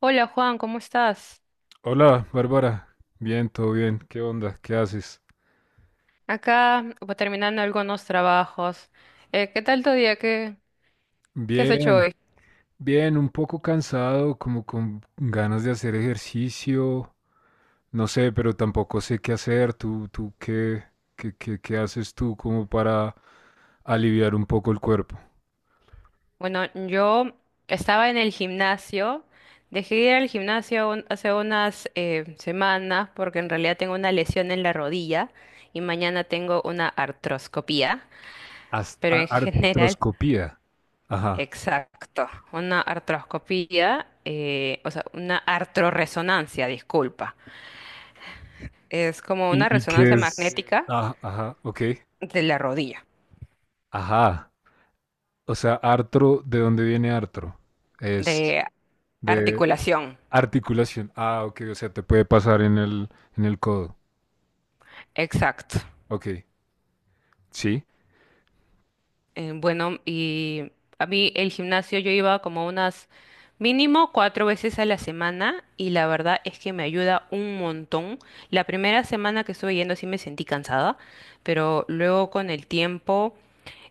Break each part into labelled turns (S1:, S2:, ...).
S1: Hola Juan, ¿cómo estás?
S2: Hola, Bárbara. Bien, todo bien. ¿Qué onda? ¿Qué haces?
S1: Acá pues, terminando algunos trabajos. ¿Qué tal tu día? ¿Qué has hecho
S2: Bien,
S1: hoy?
S2: bien, un poco cansado, como con ganas de hacer ejercicio. No sé, pero tampoco sé qué hacer. ¿Tú qué haces tú como para aliviar un poco el cuerpo?
S1: Bueno, yo estaba en el gimnasio. Dejé de ir al gimnasio hace unas semanas porque en realidad tengo una lesión en la rodilla y mañana tengo una artroscopía. Pero en general,
S2: Artroscopía. Ajá.
S1: exacto, una artroscopía, o sea, una artroresonancia, disculpa. Es como una
S2: ¿Y qué
S1: resonancia
S2: es?
S1: magnética
S2: Ah, ajá, ok.
S1: de la rodilla.
S2: Ajá. O sea, artro, ¿de dónde viene artro? Es
S1: De
S2: de...
S1: articulación.
S2: Articulación. Ah, ok, o sea, te puede pasar en el codo.
S1: Exacto.
S2: Ok, sí.
S1: Bueno, y a mí el gimnasio yo iba como unas mínimo cuatro veces a la semana y la verdad es que me ayuda un montón. La primera semana que estuve yendo sí me sentí cansada, pero luego con el tiempo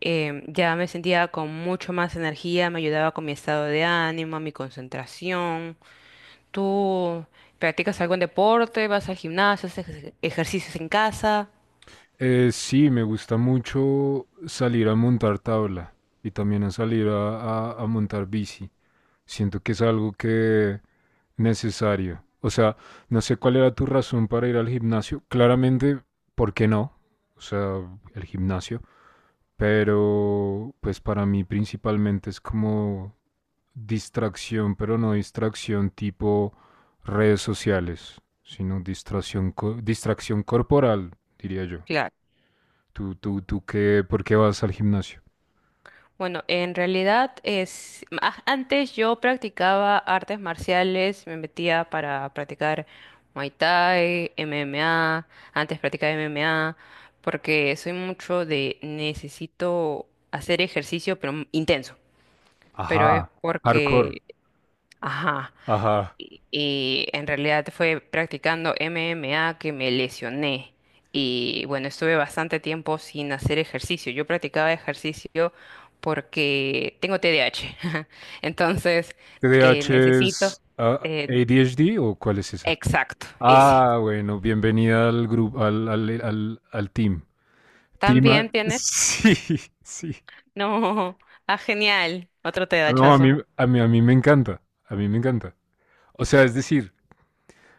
S1: ya me sentía con mucho más energía, me ayudaba con mi estado de ánimo, mi concentración. ¿Tú practicas algún deporte? ¿Vas al gimnasio? ¿Haces ejercicios en casa?
S2: Sí, me gusta mucho salir a montar tabla y también a salir a montar bici. Siento que es algo que necesario. O sea, no sé cuál era tu razón para ir al gimnasio. Claramente, ¿por qué no? O sea, el gimnasio. Pero, pues para mí principalmente es como distracción, pero no distracción tipo redes sociales, sino distracción corporal, diría yo.
S1: Claro.
S2: ¿Tú qué, ¿por qué vas al gimnasio?
S1: Bueno, en realidad es antes yo practicaba artes marciales, me metía para practicar Muay Thai, MMA, antes practicaba MMA porque soy mucho de necesito hacer ejercicio pero intenso, pero es
S2: Ajá. Hardcore.
S1: porque ajá,
S2: Ajá.
S1: y en realidad fue practicando MMA que me lesioné. Y bueno, estuve bastante tiempo sin hacer ejercicio. Yo practicaba ejercicio porque tengo TDAH. Entonces,
S2: TDAH
S1: necesito...
S2: es
S1: eh,
S2: ADHD, ¿o cuál es esa?
S1: exacto, ese.
S2: Ah, bueno, bienvenida al grupo, al team.
S1: ¿También tienes?
S2: Sí, sí.
S1: No. Ah, genial. Otro
S2: No,
S1: TDAHoso.
S2: a mí me encanta, a mí me encanta. O sea, es decir,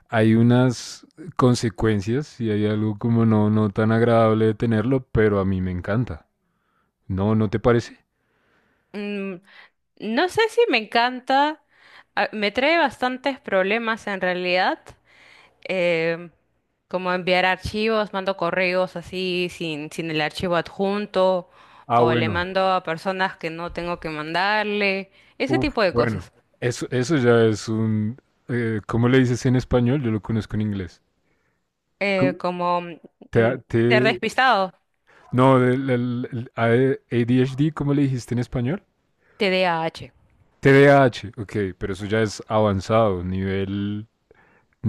S2: hay unas consecuencias y hay algo como no, no tan agradable de tenerlo, pero a mí me encanta. ¿No, no te parece?
S1: Mm, no sé si me encanta. Me trae bastantes problemas en realidad. eh, como enviar archivos, mando correos así sin el archivo adjunto,
S2: Ah,
S1: o le
S2: bueno.
S1: mando a personas que no tengo que mandarle, ese
S2: Uf,
S1: tipo de
S2: bueno.
S1: cosas.
S2: Eso ya es un... ¿Cómo le dices en español? Yo lo conozco en inglés.
S1: Eh,
S2: ¿Cómo?
S1: como
S2: Te,
S1: ser
S2: te-
S1: despistado,
S2: no, el ADHD, ¿cómo le dijiste en español?
S1: TDAH.
S2: TDAH, ok, pero eso ya es avanzado, nivel,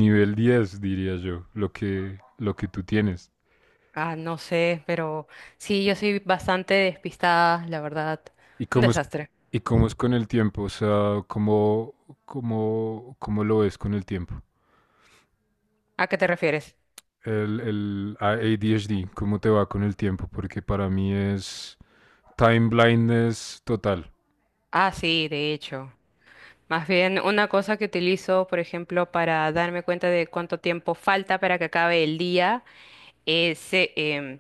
S2: nivel 10 diría yo, lo que tú tienes.
S1: Ah, no sé, pero sí, yo soy bastante despistada, la verdad.
S2: ¿Y
S1: Un
S2: cómo es,
S1: desastre.
S2: y cómo es con el tiempo? O sea, ¿cómo lo ves con el tiempo?
S1: ¿A qué te refieres?
S2: El ADHD, ¿cómo te va con el tiempo? Porque para mí es time blindness total.
S1: Ah, sí, de hecho. Más bien, una cosa que utilizo, por ejemplo, para darme cuenta de cuánto tiempo falta para que acabe el día, ese, em,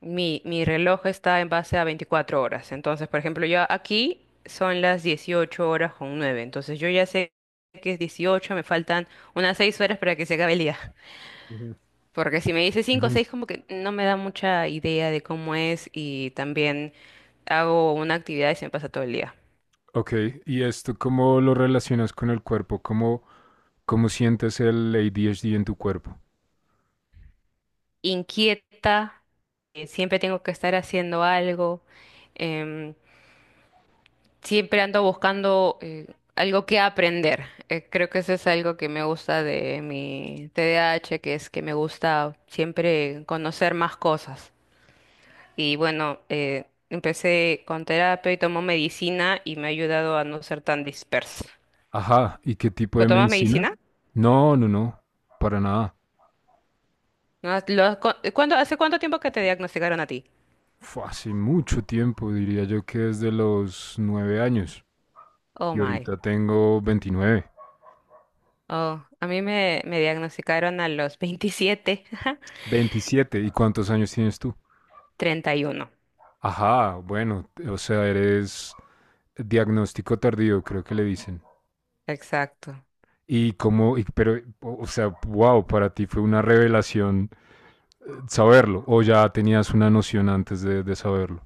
S1: mi, mi reloj está en base a 24 horas. Entonces, por ejemplo, yo aquí son las 18 horas con nueve. Entonces, yo ya sé que es 18, me faltan unas 6 horas para que se acabe el día.
S2: Ujú.
S1: Porque si me dice cinco o
S2: Ujú.
S1: 6 como que no me da mucha idea de cómo es, y también hago una actividad y se me pasa todo el día.
S2: Ok, ¿y esto cómo lo relacionas con el cuerpo? ¿Cómo sientes el ADHD en tu cuerpo?
S1: Inquieta, siempre tengo que estar haciendo algo. em, Siempre ando buscando algo que aprender. Creo que eso es algo que me gusta de mi TDAH, que es que me gusta siempre conocer más cosas. Y bueno, empecé con terapia y tomo medicina y me ha ayudado a no ser tan dispersa.
S2: Ajá, ¿y qué tipo
S1: ¿Lo
S2: de
S1: tomas
S2: medicina?
S1: medicina?
S2: No, no, no, para nada.
S1: ¿No lo has ¿Cuándo, hace cuánto tiempo que te diagnosticaron a ti?
S2: Fue hace mucho tiempo, diría yo que desde los 9 años.
S1: Oh
S2: Y
S1: my.
S2: ahorita tengo 29,
S1: Oh, a mí me diagnosticaron a los 27,
S2: 27. ¿Y cuántos años tienes tú?
S1: 31.
S2: Ajá, bueno, o sea, eres diagnóstico tardío, creo que le dicen.
S1: Exacto.
S2: Pero, o sea, wow, para ti fue una revelación saberlo, o ya tenías una noción antes de saberlo.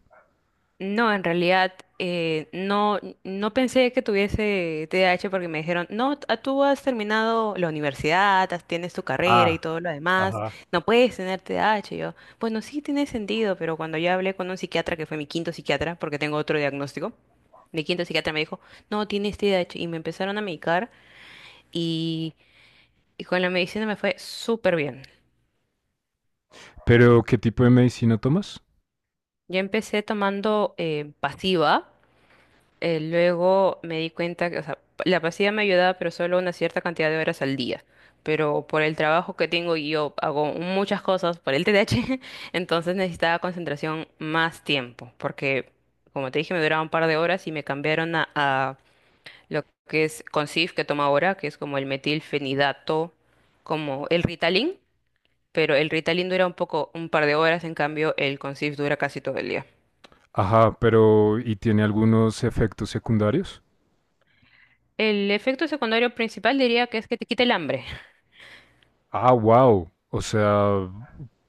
S1: No, en realidad no, no pensé que tuviese TDAH porque me dijeron, no, tú has terminado la universidad, tienes tu carrera y
S2: Ah,
S1: todo lo demás,
S2: ajá.
S1: no puedes tener TDAH. Y yo, bueno, sí tiene sentido, pero cuando yo hablé con un psiquiatra, que fue mi quinto psiquiatra, porque tengo otro diagnóstico, mi quinto psiquiatra me dijo, no, tienes TDAH. Y me empezaron a medicar y, y con la medicina me fue súper bien.
S2: Pero, ¿qué tipo de medicina tomas?
S1: Yo empecé tomando pasiva. Luego me di cuenta que, o sea, la pasilla me ayudaba, pero solo una cierta cantidad de horas al día. Pero por el trabajo que tengo y yo hago muchas cosas por el TDAH, entonces necesitaba concentración más tiempo, porque como te dije, me duraba un par de horas y me cambiaron a lo que es Concif, que toma ahora, que es como el metilfenidato, como el Ritalin, pero el Ritalin dura un poco, un par de horas, en cambio el Concif dura casi todo el día.
S2: Ajá, pero, ¿y tiene algunos efectos secundarios?
S1: El efecto secundario principal diría que es que te quita el hambre.
S2: Ah, wow, o sea,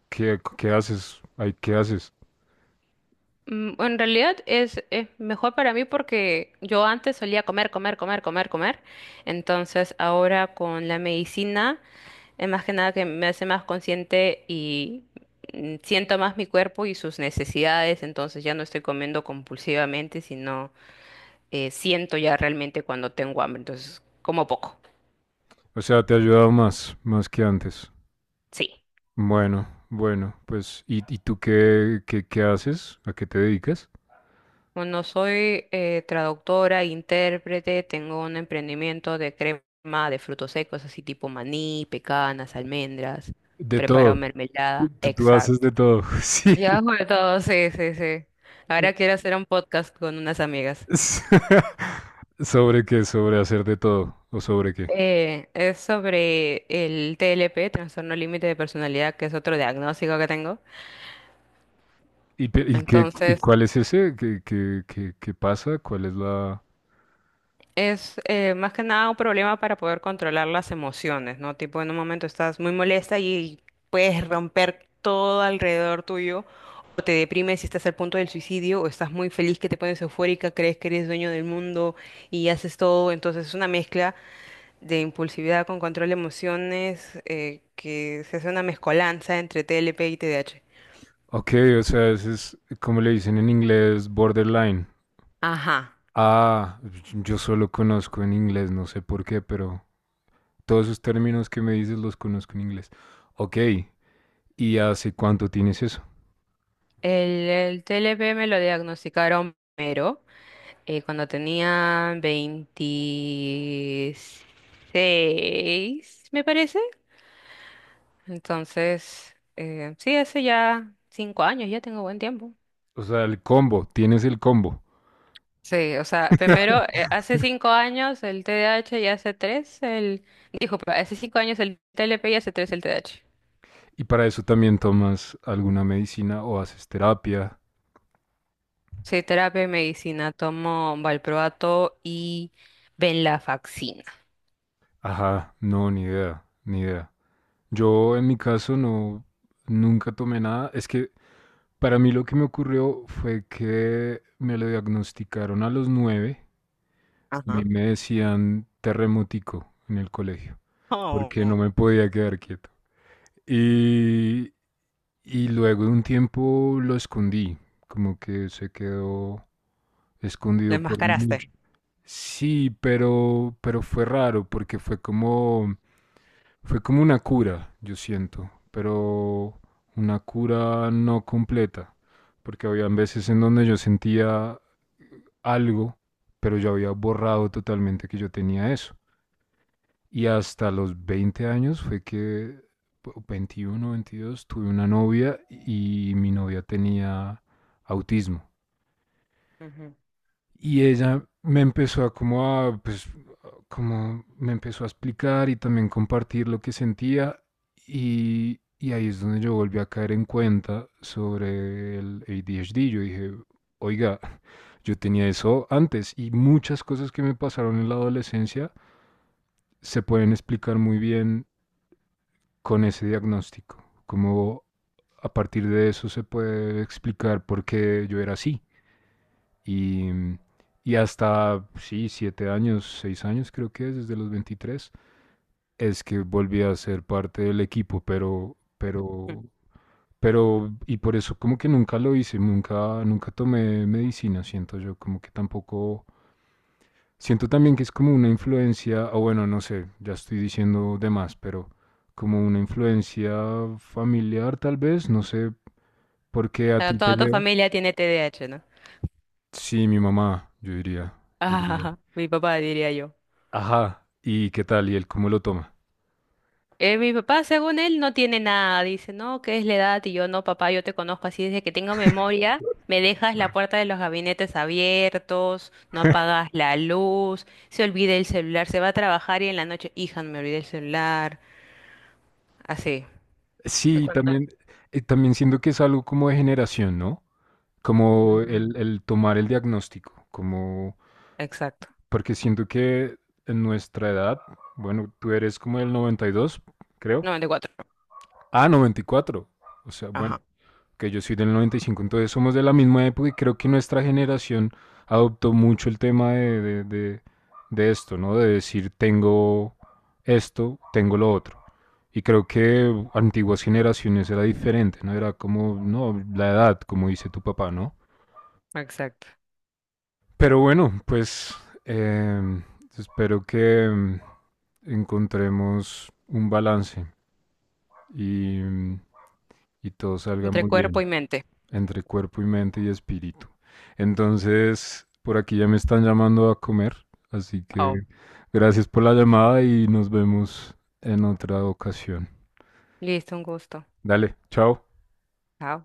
S2: ¿qué haces? Ay, ¿qué haces?
S1: En realidad es mejor para mí porque yo antes solía comer, comer, comer, comer, comer. Entonces ahora con la medicina es más que nada que me hace más consciente y siento más mi cuerpo y sus necesidades. Entonces ya no estoy comiendo compulsivamente, sino siento ya realmente cuando tengo hambre. Entonces como poco.
S2: O sea, te ha ayudado más que antes.
S1: Sí.
S2: Bueno, bueno, pues, ¿y tú qué, haces? ¿A qué te dedicas?
S1: Bueno, soy traductora, intérprete, tengo un emprendimiento de crema de frutos secos, así tipo maní, pecanas, almendras,
S2: De
S1: preparo
S2: todo.
S1: mermelada,
S2: Tú haces
S1: exacto.
S2: de todo. Sí.
S1: Ya hago de todo, sí, sí, sí. Ahora quiero hacer un podcast con unas amigas.
S2: S- ¿Sobre qué? ¿Sobre hacer de todo? ¿O sobre qué?
S1: Es sobre el TLP, trastorno límite de personalidad, que es otro diagnóstico que tengo.
S2: ¿Y
S1: Entonces,
S2: cuál es ese? ¿Qué pasa? ¿Cuál es la...?
S1: es más que nada un problema para poder controlar las emociones, ¿no? Tipo, en un momento estás muy molesta y puedes romper todo alrededor tuyo, o te deprimes y estás al punto del suicidio, o estás muy feliz que te pones eufórica, crees que eres dueño del mundo y haces todo. Entonces es una mezcla de impulsividad con control de emociones que se hace una mezcolanza entre TLP y TDAH.
S2: Ok, o sea, ese es, como le dicen en inglés, borderline.
S1: Ajá.
S2: Ah, yo solo conozco en inglés, no sé por qué, pero... Todos esos términos que me dices los conozco en inglés. Ok, ¿y hace cuánto tienes eso?
S1: El TLP me lo diagnosticaron primero, cuando tenía 26, me parece. Entonces, sí, hace ya 5 años, ya tengo buen tiempo.
S2: O sea, el combo, tienes el combo.
S1: Sí, o sea, primero, hace 5 años el TDAH y hace tres el... Dijo, hace 5 años el TLP y hace tres el TDAH.
S2: Y para eso también tomas alguna medicina o haces terapia.
S1: Soy terapia y medicina, tomo valproato y venlafaxina.
S2: Ajá, no, ni idea, ni idea. Yo en mi caso no, nunca tomé nada. Es que para mí lo que me ocurrió fue que me lo diagnosticaron a los 9. A mí
S1: Ajá.
S2: me decían terremótico en el colegio, porque no
S1: Oh,
S2: me podía quedar quieto. Y Y luego de un tiempo lo escondí, como que se quedó
S1: lo
S2: escondido por
S1: enmascaraste.
S2: mucho. Sí, pero fue raro porque fue como una cura, yo siento, pero una cura no completa, porque había veces en donde yo sentía algo, pero yo había borrado totalmente que yo tenía eso. Y hasta los 20 años fue que, o 21, 22, tuve una novia y mi novia tenía autismo.
S1: Ujú.
S2: Y ella me empezó a como a, pues, como me empezó a explicar y también compartir lo que sentía y ahí es donde yo volví a caer en cuenta sobre el ADHD. Yo dije, oiga, yo tenía eso antes y muchas cosas que me pasaron en la adolescencia se pueden explicar muy bien con ese diagnóstico, como a partir de eso se puede explicar por qué yo era así. Y, y hasta, pues, sí, 7 años, 6 años creo que es, desde los 23 es que volví a ser parte del equipo,
S1: Ujú.
S2: y por eso como que nunca lo hice, nunca tomé medicina, siento yo, como que tampoco, siento también que es como una influencia, o bueno, no sé, ya estoy diciendo de más, pero como una influencia familiar tal vez, no sé por qué a
S1: Pero
S2: ti te
S1: toda tu
S2: llevo.
S1: familia tiene TDAH, ¿no?
S2: Sí, mi mamá, yo diría, yo diría.
S1: Ah, mi papá diría yo.
S2: Ajá, ¿y qué tal? ¿Y él cómo lo toma?
S1: Mi papá, según él, no tiene nada. Dice, no, ¿qué es la edad? Y yo, no, papá, yo te conozco así desde que tengo memoria. Me dejas la puerta de los gabinetes abiertos, no apagas la luz, se olvida el celular, se va a trabajar y en la noche, hija, no me olvidé el celular. Así. Y
S2: Sí,
S1: cuando...
S2: también. También siento que es algo como de generación, ¿no? Como
S1: Ujú,
S2: el tomar el diagnóstico, como,
S1: exacto.
S2: porque siento que en nuestra edad, bueno, tú eres como el 92, creo.
S1: 94.
S2: Ah, 94. O sea, bueno.
S1: Ajá,
S2: Que yo soy del 95, entonces somos de la misma época y creo que nuestra generación adoptó mucho el tema de esto, ¿no? De decir, tengo esto, tengo lo otro. Y creo que antiguas generaciones era diferente, ¿no? Era como, no, la edad, como dice tu papá, ¿no?
S1: exacto.
S2: Pero bueno, pues eh, espero que encontremos un balance y, y todo salga
S1: Entre
S2: muy
S1: cuerpo
S2: bien,
S1: y mente.
S2: entre cuerpo y mente y espíritu. Entonces, por aquí ya me están llamando a comer, así que
S1: Oh,
S2: gracias por la llamada y nos vemos en otra ocasión.
S1: listo, un gusto.
S2: Dale, chao.
S1: Chao.